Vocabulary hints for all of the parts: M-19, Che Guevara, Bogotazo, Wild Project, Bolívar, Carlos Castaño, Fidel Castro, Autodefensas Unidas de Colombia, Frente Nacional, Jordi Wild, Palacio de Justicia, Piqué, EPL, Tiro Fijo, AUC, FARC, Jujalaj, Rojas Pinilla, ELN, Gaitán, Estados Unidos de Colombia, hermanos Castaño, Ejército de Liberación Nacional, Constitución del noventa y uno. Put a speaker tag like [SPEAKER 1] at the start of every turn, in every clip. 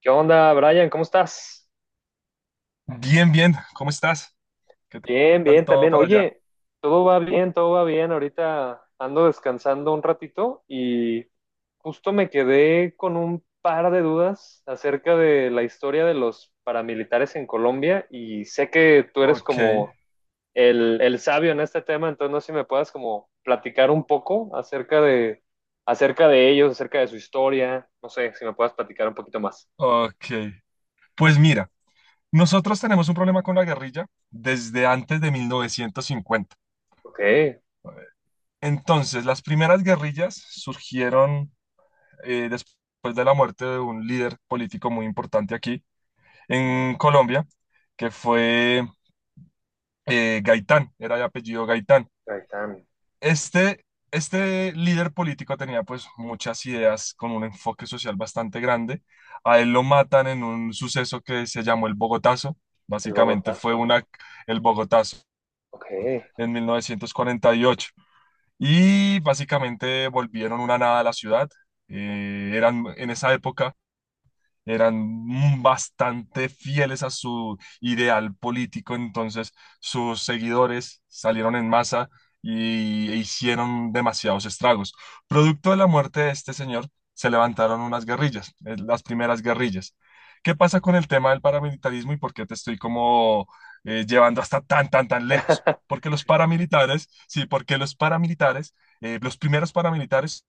[SPEAKER 1] ¿Qué onda, Brian? ¿Cómo estás?
[SPEAKER 2] Bien, bien, ¿cómo estás? ¿Qué
[SPEAKER 1] Bien,
[SPEAKER 2] tal
[SPEAKER 1] bien,
[SPEAKER 2] todo
[SPEAKER 1] también.
[SPEAKER 2] para allá?
[SPEAKER 1] Oye, todo va bien, todo va bien. Ahorita ando descansando un ratito y justo me quedé con un par de dudas acerca de la historia de los paramilitares en Colombia, y sé que tú eres
[SPEAKER 2] Ok,
[SPEAKER 1] como el sabio en este tema. Entonces no sé si me puedas como platicar un poco acerca de ellos, acerca de su historia. No sé si me puedas platicar un poquito más.
[SPEAKER 2] ok. Pues mira, nosotros tenemos un problema con la guerrilla desde antes de 1950.
[SPEAKER 1] Ok, ahí
[SPEAKER 2] Entonces, las primeras guerrillas surgieron después de la muerte de un líder político muy importante aquí en Colombia, que fue Gaitán, era de apellido Gaitán.
[SPEAKER 1] están,
[SPEAKER 2] Este, este líder político tenía pues muchas ideas con un enfoque social bastante grande. A él lo matan en un suceso que se llamó el Bogotazo.
[SPEAKER 1] el
[SPEAKER 2] Básicamente fue
[SPEAKER 1] Bogotazo.
[SPEAKER 2] una, el Bogotazo
[SPEAKER 1] Ok.
[SPEAKER 2] en 1948. Y ocho. Y básicamente volvieron una nada a la ciudad. Eran en esa época eran bastante fieles a su ideal político, entonces sus seguidores salieron en masa y e hicieron demasiados estragos. Producto de la muerte de este señor, se levantaron unas guerrillas, las primeras guerrillas. ¿Qué pasa con el tema del paramilitarismo y por qué te estoy como llevando hasta tan lejos? Porque los paramilitares, los primeros paramilitares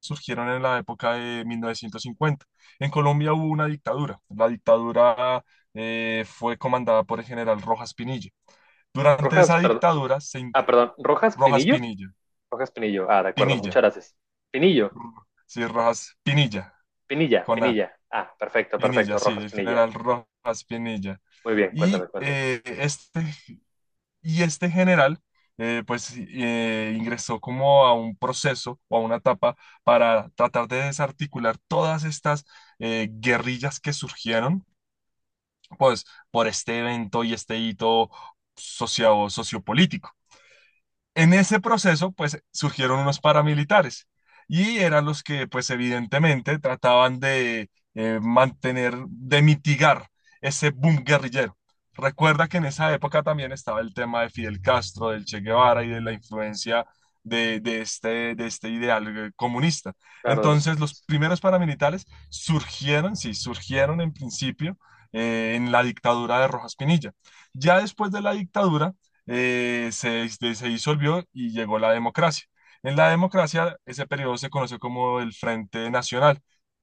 [SPEAKER 2] surgieron en la época de 1950. En Colombia hubo una dictadura. La dictadura fue comandada por el general Rojas Pinilla. Durante
[SPEAKER 1] Rojas,
[SPEAKER 2] esa
[SPEAKER 1] perdón.
[SPEAKER 2] dictadura se
[SPEAKER 1] Ah,
[SPEAKER 2] int-
[SPEAKER 1] perdón. Rojas
[SPEAKER 2] Rojas
[SPEAKER 1] Pinillo.
[SPEAKER 2] Pinilla,
[SPEAKER 1] Rojas Pinillo. Ah, de acuerdo.
[SPEAKER 2] Pinilla,
[SPEAKER 1] Muchas gracias. Pinillo.
[SPEAKER 2] Sí, Rojas Pinilla,
[SPEAKER 1] Pinilla.
[SPEAKER 2] con A,
[SPEAKER 1] Pinilla. Ah, perfecto, perfecto.
[SPEAKER 2] Pinilla, sí,
[SPEAKER 1] Rojas
[SPEAKER 2] el
[SPEAKER 1] Pinilla.
[SPEAKER 2] general Rojas Pinilla.
[SPEAKER 1] Muy bien. Cuéntame,
[SPEAKER 2] Y
[SPEAKER 1] cuéntame.
[SPEAKER 2] eh, este Y este general, pues sí, ingresó como a un proceso o a una etapa para tratar de desarticular todas estas guerrillas que surgieron, pues por este evento y este hito sociopolítico. En ese proceso, pues surgieron unos paramilitares y eran los que, pues evidentemente, trataban de mantener, de mitigar ese boom guerrillero. Recuerda que en esa época también estaba el tema de Fidel Castro, del Che Guevara y de la influencia de este ideal comunista.
[SPEAKER 1] Claro, de los
[SPEAKER 2] Entonces, los
[SPEAKER 1] fondos.
[SPEAKER 2] primeros paramilitares surgieron, sí, surgieron en principio en la dictadura de Rojas Pinilla. Ya después de la dictadura, se disolvió y llegó la democracia. En la democracia, ese periodo se conoció como el Frente Nacional.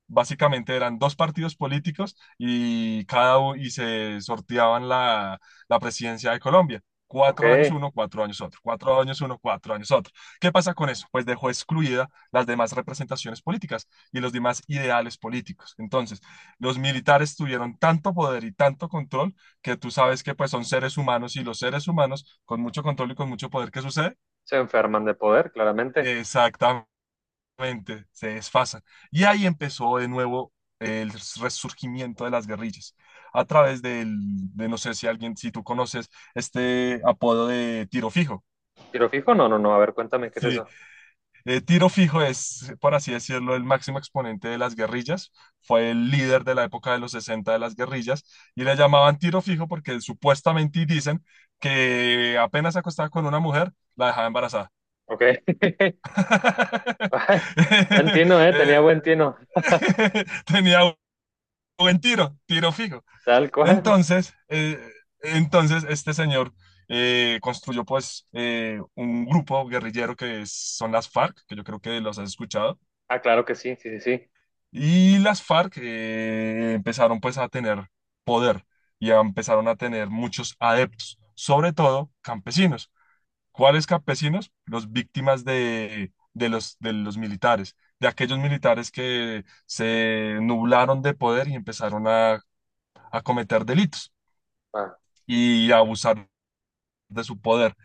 [SPEAKER 2] Básicamente eran dos partidos políticos y se sorteaban la presidencia de Colombia.
[SPEAKER 1] Ok.
[SPEAKER 2] Cuatro años uno, cuatro años otro, cuatro años uno, cuatro años otro. ¿Qué pasa con eso? Pues dejó excluida las demás representaciones políticas y los demás ideales políticos. Entonces, los militares tuvieron tanto poder y tanto control que tú sabes que pues son seres humanos y los seres humanos con mucho control y con mucho poder, ¿qué sucede?
[SPEAKER 1] Se enferman de poder, claramente.
[SPEAKER 2] Exactamente, se desfasan. Y ahí empezó de nuevo el resurgimiento de las guerrillas a través de no sé si alguien, si tú conoces este apodo de tiro fijo.
[SPEAKER 1] ¿Tiro fijo? No, no, no. A ver, cuéntame, ¿qué es
[SPEAKER 2] Sí,
[SPEAKER 1] eso?
[SPEAKER 2] Tiro Fijo es, por así decirlo, el máximo exponente de las guerrillas. Fue el líder de la época de los 60 de las guerrillas y le llamaban Tiro Fijo porque supuestamente y dicen que apenas se acostaba con una mujer, la dejaba embarazada.
[SPEAKER 1] Ok. Ay, buen tino, ¿eh? Tenía
[SPEAKER 2] Eh,
[SPEAKER 1] buen tino.
[SPEAKER 2] Tenía buen tiro, tiro fijo.
[SPEAKER 1] Tal cual.
[SPEAKER 2] Entonces, eh, entonces este señor construyó pues un grupo guerrillero son las FARC, que yo creo que los has escuchado.
[SPEAKER 1] Ah, claro que sí, sí, sí, sí.
[SPEAKER 2] Y las FARC empezaron pues a tener poder empezaron a tener muchos adeptos, sobre todo campesinos. ¿Cuáles campesinos? Los víctimas de de los militares, de aquellos militares que se nublaron de poder y empezaron a cometer delitos
[SPEAKER 1] Ah,
[SPEAKER 2] y a abusar de su poder.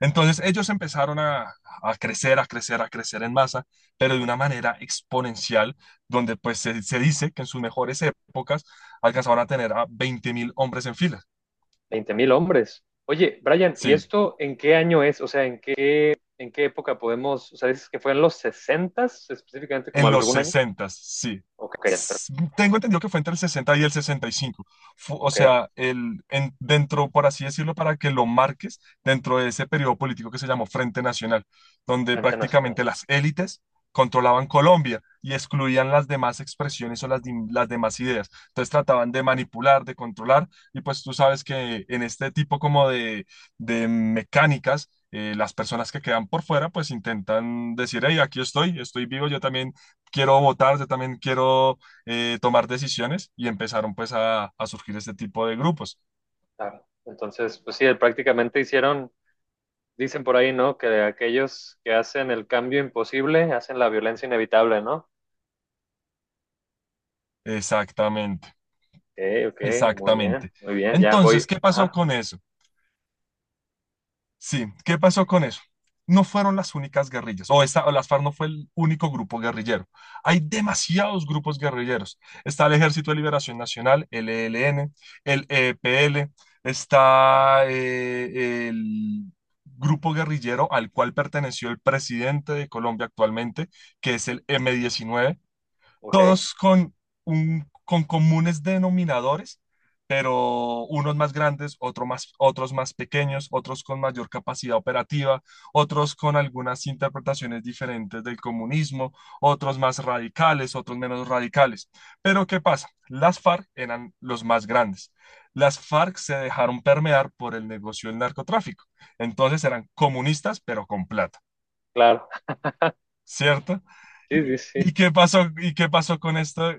[SPEAKER 2] Entonces ellos empezaron a crecer, a crecer, a crecer en masa, pero de una manera exponencial, donde se dice que en sus mejores épocas alcanzaban a tener a 20 mil hombres en fila.
[SPEAKER 1] 20 mil hombres. Oye, Brian, ¿y
[SPEAKER 2] Sí,
[SPEAKER 1] esto en qué año es? O sea, ¿en qué época podemos, o sea, dices que fue en los sesentas específicamente, como
[SPEAKER 2] en los
[SPEAKER 1] algún año.
[SPEAKER 2] sesenta, sí.
[SPEAKER 1] Ok, pero-
[SPEAKER 2] Tengo entendido que fue entre el 60 y el sesenta y cinco. O
[SPEAKER 1] ok,
[SPEAKER 2] sea, dentro, por así decirlo, para que lo marques, dentro de ese periodo político que se llamó Frente Nacional, donde
[SPEAKER 1] Frente Nacional,
[SPEAKER 2] prácticamente las élites controlaban Colombia y excluían las demás expresiones o las demás ideas. Entonces trataban de manipular, de controlar, y pues tú sabes que en este tipo como de mecánicas, las personas que quedan por fuera, pues intentan decir, hey, aquí estoy, estoy vivo, yo también quiero votar, yo también quiero tomar decisiones y empezaron pues a surgir este tipo de grupos.
[SPEAKER 1] claro. Entonces, pues sí, prácticamente hicieron, dicen por ahí, ¿no?, que aquellos que hacen el cambio imposible hacen la violencia inevitable, ¿no?
[SPEAKER 2] Exactamente,
[SPEAKER 1] Ok, ok,
[SPEAKER 2] exactamente.
[SPEAKER 1] muy bien, ya voy.
[SPEAKER 2] Entonces, ¿qué pasó
[SPEAKER 1] Ajá,
[SPEAKER 2] con eso? Sí, ¿qué
[SPEAKER 1] sí,
[SPEAKER 2] pasó con eso? No fueron las únicas guerrillas, o las FARC no fue el único grupo guerrillero. Hay demasiados grupos guerrilleros. Está el Ejército de Liberación Nacional, el ELN, el EPL, está el grupo guerrillero al cual perteneció el presidente de Colombia actualmente, que es el M-19,
[SPEAKER 1] ok,
[SPEAKER 2] todos con, con comunes denominadores, pero unos más grandes, otro más, otros más pequeños, otros con mayor capacidad operativa, otros con algunas interpretaciones diferentes del comunismo, otros más radicales, otros menos radicales. Pero ¿qué pasa? Las FARC eran los más grandes. Las FARC se dejaron permear por el negocio del narcotráfico. Entonces eran comunistas, pero con plata.
[SPEAKER 1] claro.
[SPEAKER 2] ¿Cierto?
[SPEAKER 1] Sí, sí, sí,
[SPEAKER 2] Y qué pasó con esto,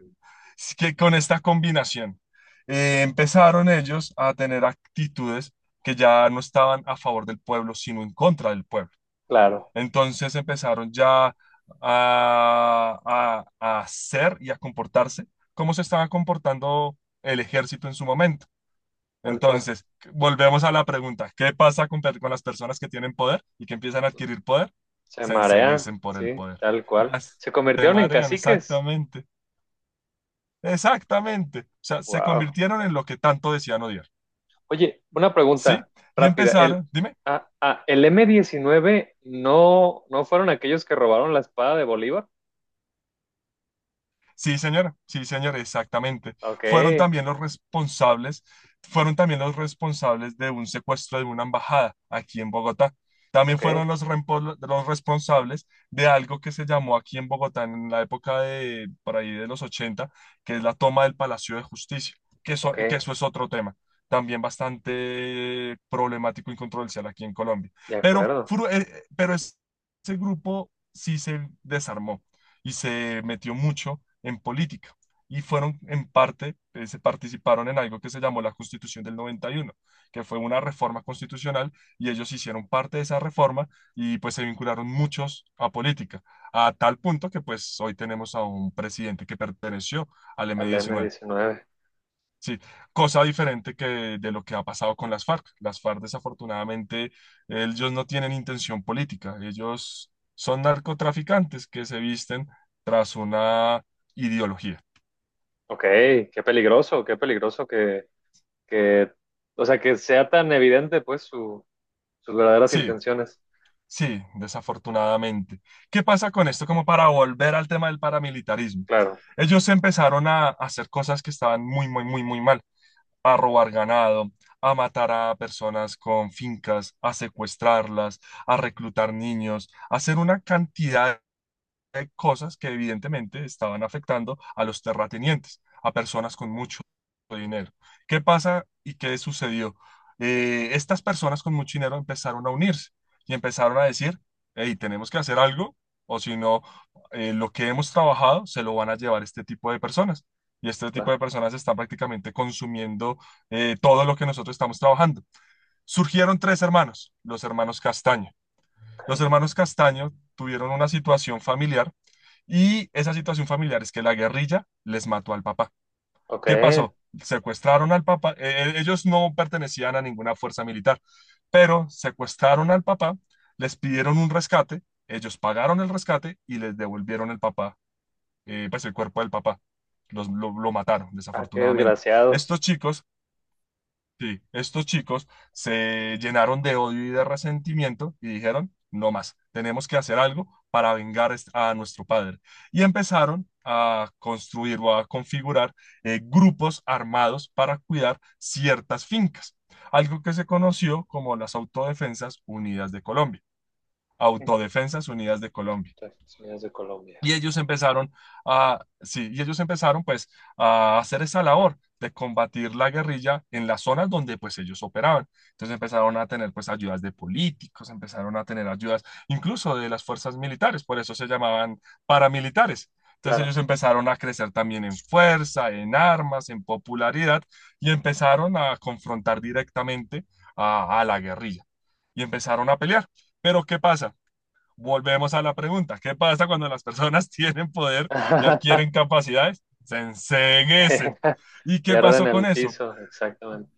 [SPEAKER 2] es que con esta combinación? Empezaron ellos a tener actitudes que ya no estaban a favor del pueblo, sino en contra del pueblo.
[SPEAKER 1] claro,
[SPEAKER 2] Entonces empezaron ya a hacer y a comportarse como se estaba comportando el ejército en su momento.
[SPEAKER 1] tal cual.
[SPEAKER 2] Entonces, volvemos a la pregunta, ¿qué pasa con las personas que tienen poder y que empiezan a adquirir poder?
[SPEAKER 1] Se
[SPEAKER 2] Se
[SPEAKER 1] marean,
[SPEAKER 2] enceguecen por el
[SPEAKER 1] sí,
[SPEAKER 2] poder.
[SPEAKER 1] tal
[SPEAKER 2] Ya
[SPEAKER 1] cual.
[SPEAKER 2] s-
[SPEAKER 1] Se
[SPEAKER 2] Se
[SPEAKER 1] convirtieron en
[SPEAKER 2] marean,
[SPEAKER 1] caciques.
[SPEAKER 2] exactamente, exactamente. O sea, se
[SPEAKER 1] Wow.
[SPEAKER 2] convirtieron en lo que tanto decían odiar,
[SPEAKER 1] Oye, una
[SPEAKER 2] ¿sí?
[SPEAKER 1] pregunta
[SPEAKER 2] Y
[SPEAKER 1] rápida. El,
[SPEAKER 2] empezaron, dime.
[SPEAKER 1] ah, ah, el m diecinueve, no, no fueron aquellos que robaron la espada de Bolívar.
[SPEAKER 2] Sí, señor, exactamente.
[SPEAKER 1] Ok,
[SPEAKER 2] Fueron también los responsables, fueron también los responsables de un secuestro de una embajada aquí en Bogotá. También
[SPEAKER 1] ok,
[SPEAKER 2] fueron los responsables de algo que se llamó aquí en Bogotá en la época de, por ahí de los 80, que es la toma del Palacio de Justicia,
[SPEAKER 1] ok,
[SPEAKER 2] que eso es otro tema, también bastante problemático y controversial aquí en Colombia.
[SPEAKER 1] de
[SPEAKER 2] Pero,
[SPEAKER 1] acuerdo.
[SPEAKER 2] fru- eh, eh, pero es- Ese grupo sí se desarmó y se metió mucho en política y fueron en parte, se participaron en algo que se llamó la Constitución del 91, que fue una reforma constitucional, y ellos hicieron parte de esa reforma y pues se vincularon muchos a política, a tal punto que pues hoy tenemos a un presidente que perteneció al m
[SPEAKER 1] Al m
[SPEAKER 2] diecinueve
[SPEAKER 1] diecinueve.
[SPEAKER 2] Sí, cosa diferente que de lo que ha pasado con las FARC. Las FARC, desafortunadamente, ellos no tienen intención política. Ellos son narcotraficantes que se visten tras una ideología.
[SPEAKER 1] Ok, qué peligroso que, o sea, que sea tan evidente pues su, sus verdaderas
[SPEAKER 2] Sí,
[SPEAKER 1] intenciones.
[SPEAKER 2] sí, desafortunadamente. ¿Qué pasa con esto? Como para volver al tema del paramilitarismo.
[SPEAKER 1] Claro,
[SPEAKER 2] Ellos empezaron a hacer cosas que estaban muy, muy, muy, muy mal. A robar ganado, a matar a personas con fincas, a secuestrarlas, a reclutar niños, a hacer una cantidad de cosas que evidentemente estaban afectando a los terratenientes, a personas con mucho dinero. ¿Qué pasa y qué sucedió? Estas personas con mucho dinero empezaron a unirse y empezaron a decir, hey, tenemos que hacer algo o si no, lo que hemos trabajado se lo van a llevar este tipo de personas. Y este tipo
[SPEAKER 1] claro.
[SPEAKER 2] de personas están prácticamente consumiendo todo lo que nosotros estamos trabajando. Surgieron tres hermanos, los hermanos Castaño. Los
[SPEAKER 1] Ok,
[SPEAKER 2] hermanos Castaño tuvieron una situación familiar y esa situación familiar es que la guerrilla les mató al papá.
[SPEAKER 1] ok.
[SPEAKER 2] ¿Qué pasó? Secuestraron al papá, ellos no pertenecían a ninguna fuerza militar, pero secuestraron al papá, les pidieron un rescate, ellos pagaron el rescate y les devolvieron el papá, pues el cuerpo del papá. Lo mataron,
[SPEAKER 1] Ah, qué
[SPEAKER 2] desafortunadamente.
[SPEAKER 1] desgraciados.
[SPEAKER 2] Estos chicos sí, estos chicos se llenaron de odio y de resentimiento y dijeron, no más, tenemos que hacer algo para vengar a nuestro padre. Y empezaron a construir o a configurar grupos armados para cuidar ciertas fincas, algo que se conoció como las Autodefensas Unidas de Colombia. Autodefensas Unidas de Colombia.
[SPEAKER 1] Estados Unidos de Colombia.
[SPEAKER 2] Y ellos empezaron sí, y ellos empezaron pues a hacer esa labor de combatir la guerrilla en las zonas donde pues ellos operaban. Entonces empezaron a tener pues ayudas de políticos, empezaron a tener ayudas incluso de las fuerzas militares, por eso se llamaban paramilitares. Entonces
[SPEAKER 1] Claro.
[SPEAKER 2] ellos empezaron a crecer también en fuerza, en armas, en popularidad y empezaron a confrontar directamente a la guerrilla y empezaron a pelear. Pero ¿qué pasa? Volvemos a la pregunta, ¿qué pasa cuando las personas tienen poder y adquieren capacidades? Se enseguecen. ¿Y qué
[SPEAKER 1] Pierden
[SPEAKER 2] pasó con
[SPEAKER 1] el
[SPEAKER 2] eso?
[SPEAKER 1] piso, exactamente.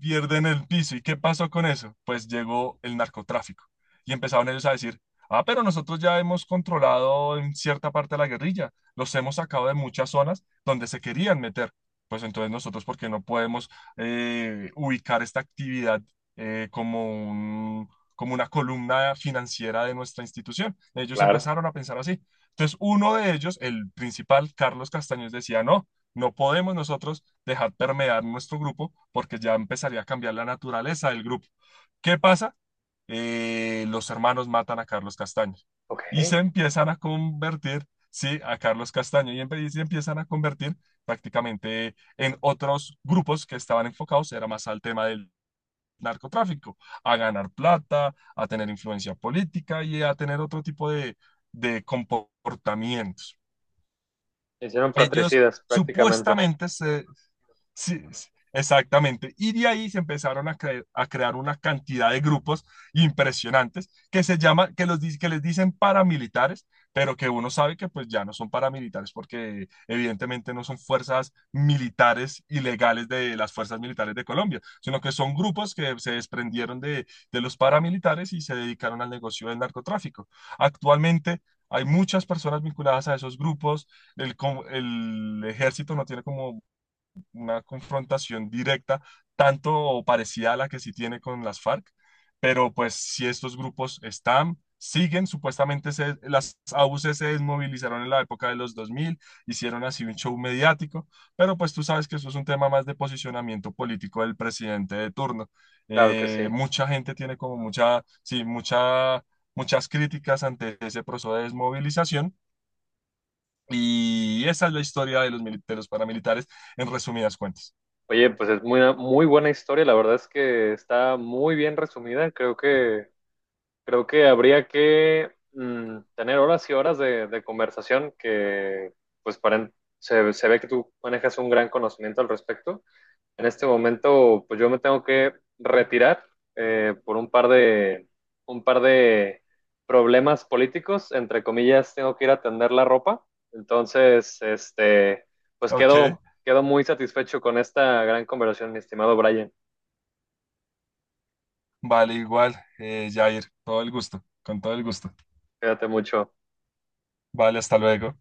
[SPEAKER 2] Pierden el piso. ¿Y qué pasó con eso? Pues llegó el narcotráfico y empezaron ellos a decir, ah, pero nosotros ya hemos controlado en cierta parte de la guerrilla, los hemos sacado de muchas zonas donde se querían meter. Pues entonces nosotros, ¿por qué no podemos ubicar esta actividad eh, como un- como una columna financiera de nuestra institución? Ellos
[SPEAKER 1] Claro,
[SPEAKER 2] empezaron a pensar así. Entonces uno de ellos, el principal, Carlos Castaños, decía, no, no podemos nosotros dejar permear nuestro grupo porque ya empezaría a cambiar la naturaleza del grupo. ¿Qué pasa? Los hermanos matan a Carlos Castaño y
[SPEAKER 1] ok.
[SPEAKER 2] se empiezan a convertir, sí, a Carlos Castaño y se empiezan a convertir prácticamente en otros grupos que estaban enfocados, era más al tema del narcotráfico, a ganar plata, a tener influencia política y a tener otro tipo de comportamientos.
[SPEAKER 1] Hicieron
[SPEAKER 2] Ellos
[SPEAKER 1] fratricidas prácticamente.
[SPEAKER 2] supuestamente se Sí, sí, exactamente. Y de ahí se empezaron a crear una cantidad de grupos impresionantes que se llaman, que les dicen paramilitares, pero que uno sabe que pues ya no son paramilitares porque evidentemente no son fuerzas militares ilegales de las fuerzas militares de Colombia, sino que son grupos que se desprendieron de los paramilitares y se dedicaron al negocio del narcotráfico. Actualmente... hay muchas personas vinculadas a esos grupos. El ejército no tiene como una confrontación directa, tanto o parecida a la que sí tiene con las FARC, pero pues si estos grupos están, siguen, las AUC se desmovilizaron en la época de los 2000, hicieron así un show mediático, pero pues tú sabes que eso es un tema más de posicionamiento político del presidente de turno.
[SPEAKER 1] Claro que sí.
[SPEAKER 2] Mucha gente tiene como mucha, sí, mucha, muchas críticas ante ese proceso de desmovilización. Y esa es la historia de de los paramilitares, en resumidas cuentas.
[SPEAKER 1] Oye, pues es muy, muy buena historia. La verdad es que está muy bien resumida. Creo que habría que tener horas y horas de conversación que, pues, para, se ve que tú manejas un gran conocimiento al respecto. En este momento, pues yo me tengo que retirar por un par de problemas políticos, entre comillas. Tengo que ir a tender la ropa. Entonces, este, pues
[SPEAKER 2] Ok,
[SPEAKER 1] quedo muy satisfecho con esta gran conversación, mi estimado Brian.
[SPEAKER 2] vale, igual, Jair, todo el gusto, con todo el gusto.
[SPEAKER 1] Quédate mucho.
[SPEAKER 2] Vale, hasta luego.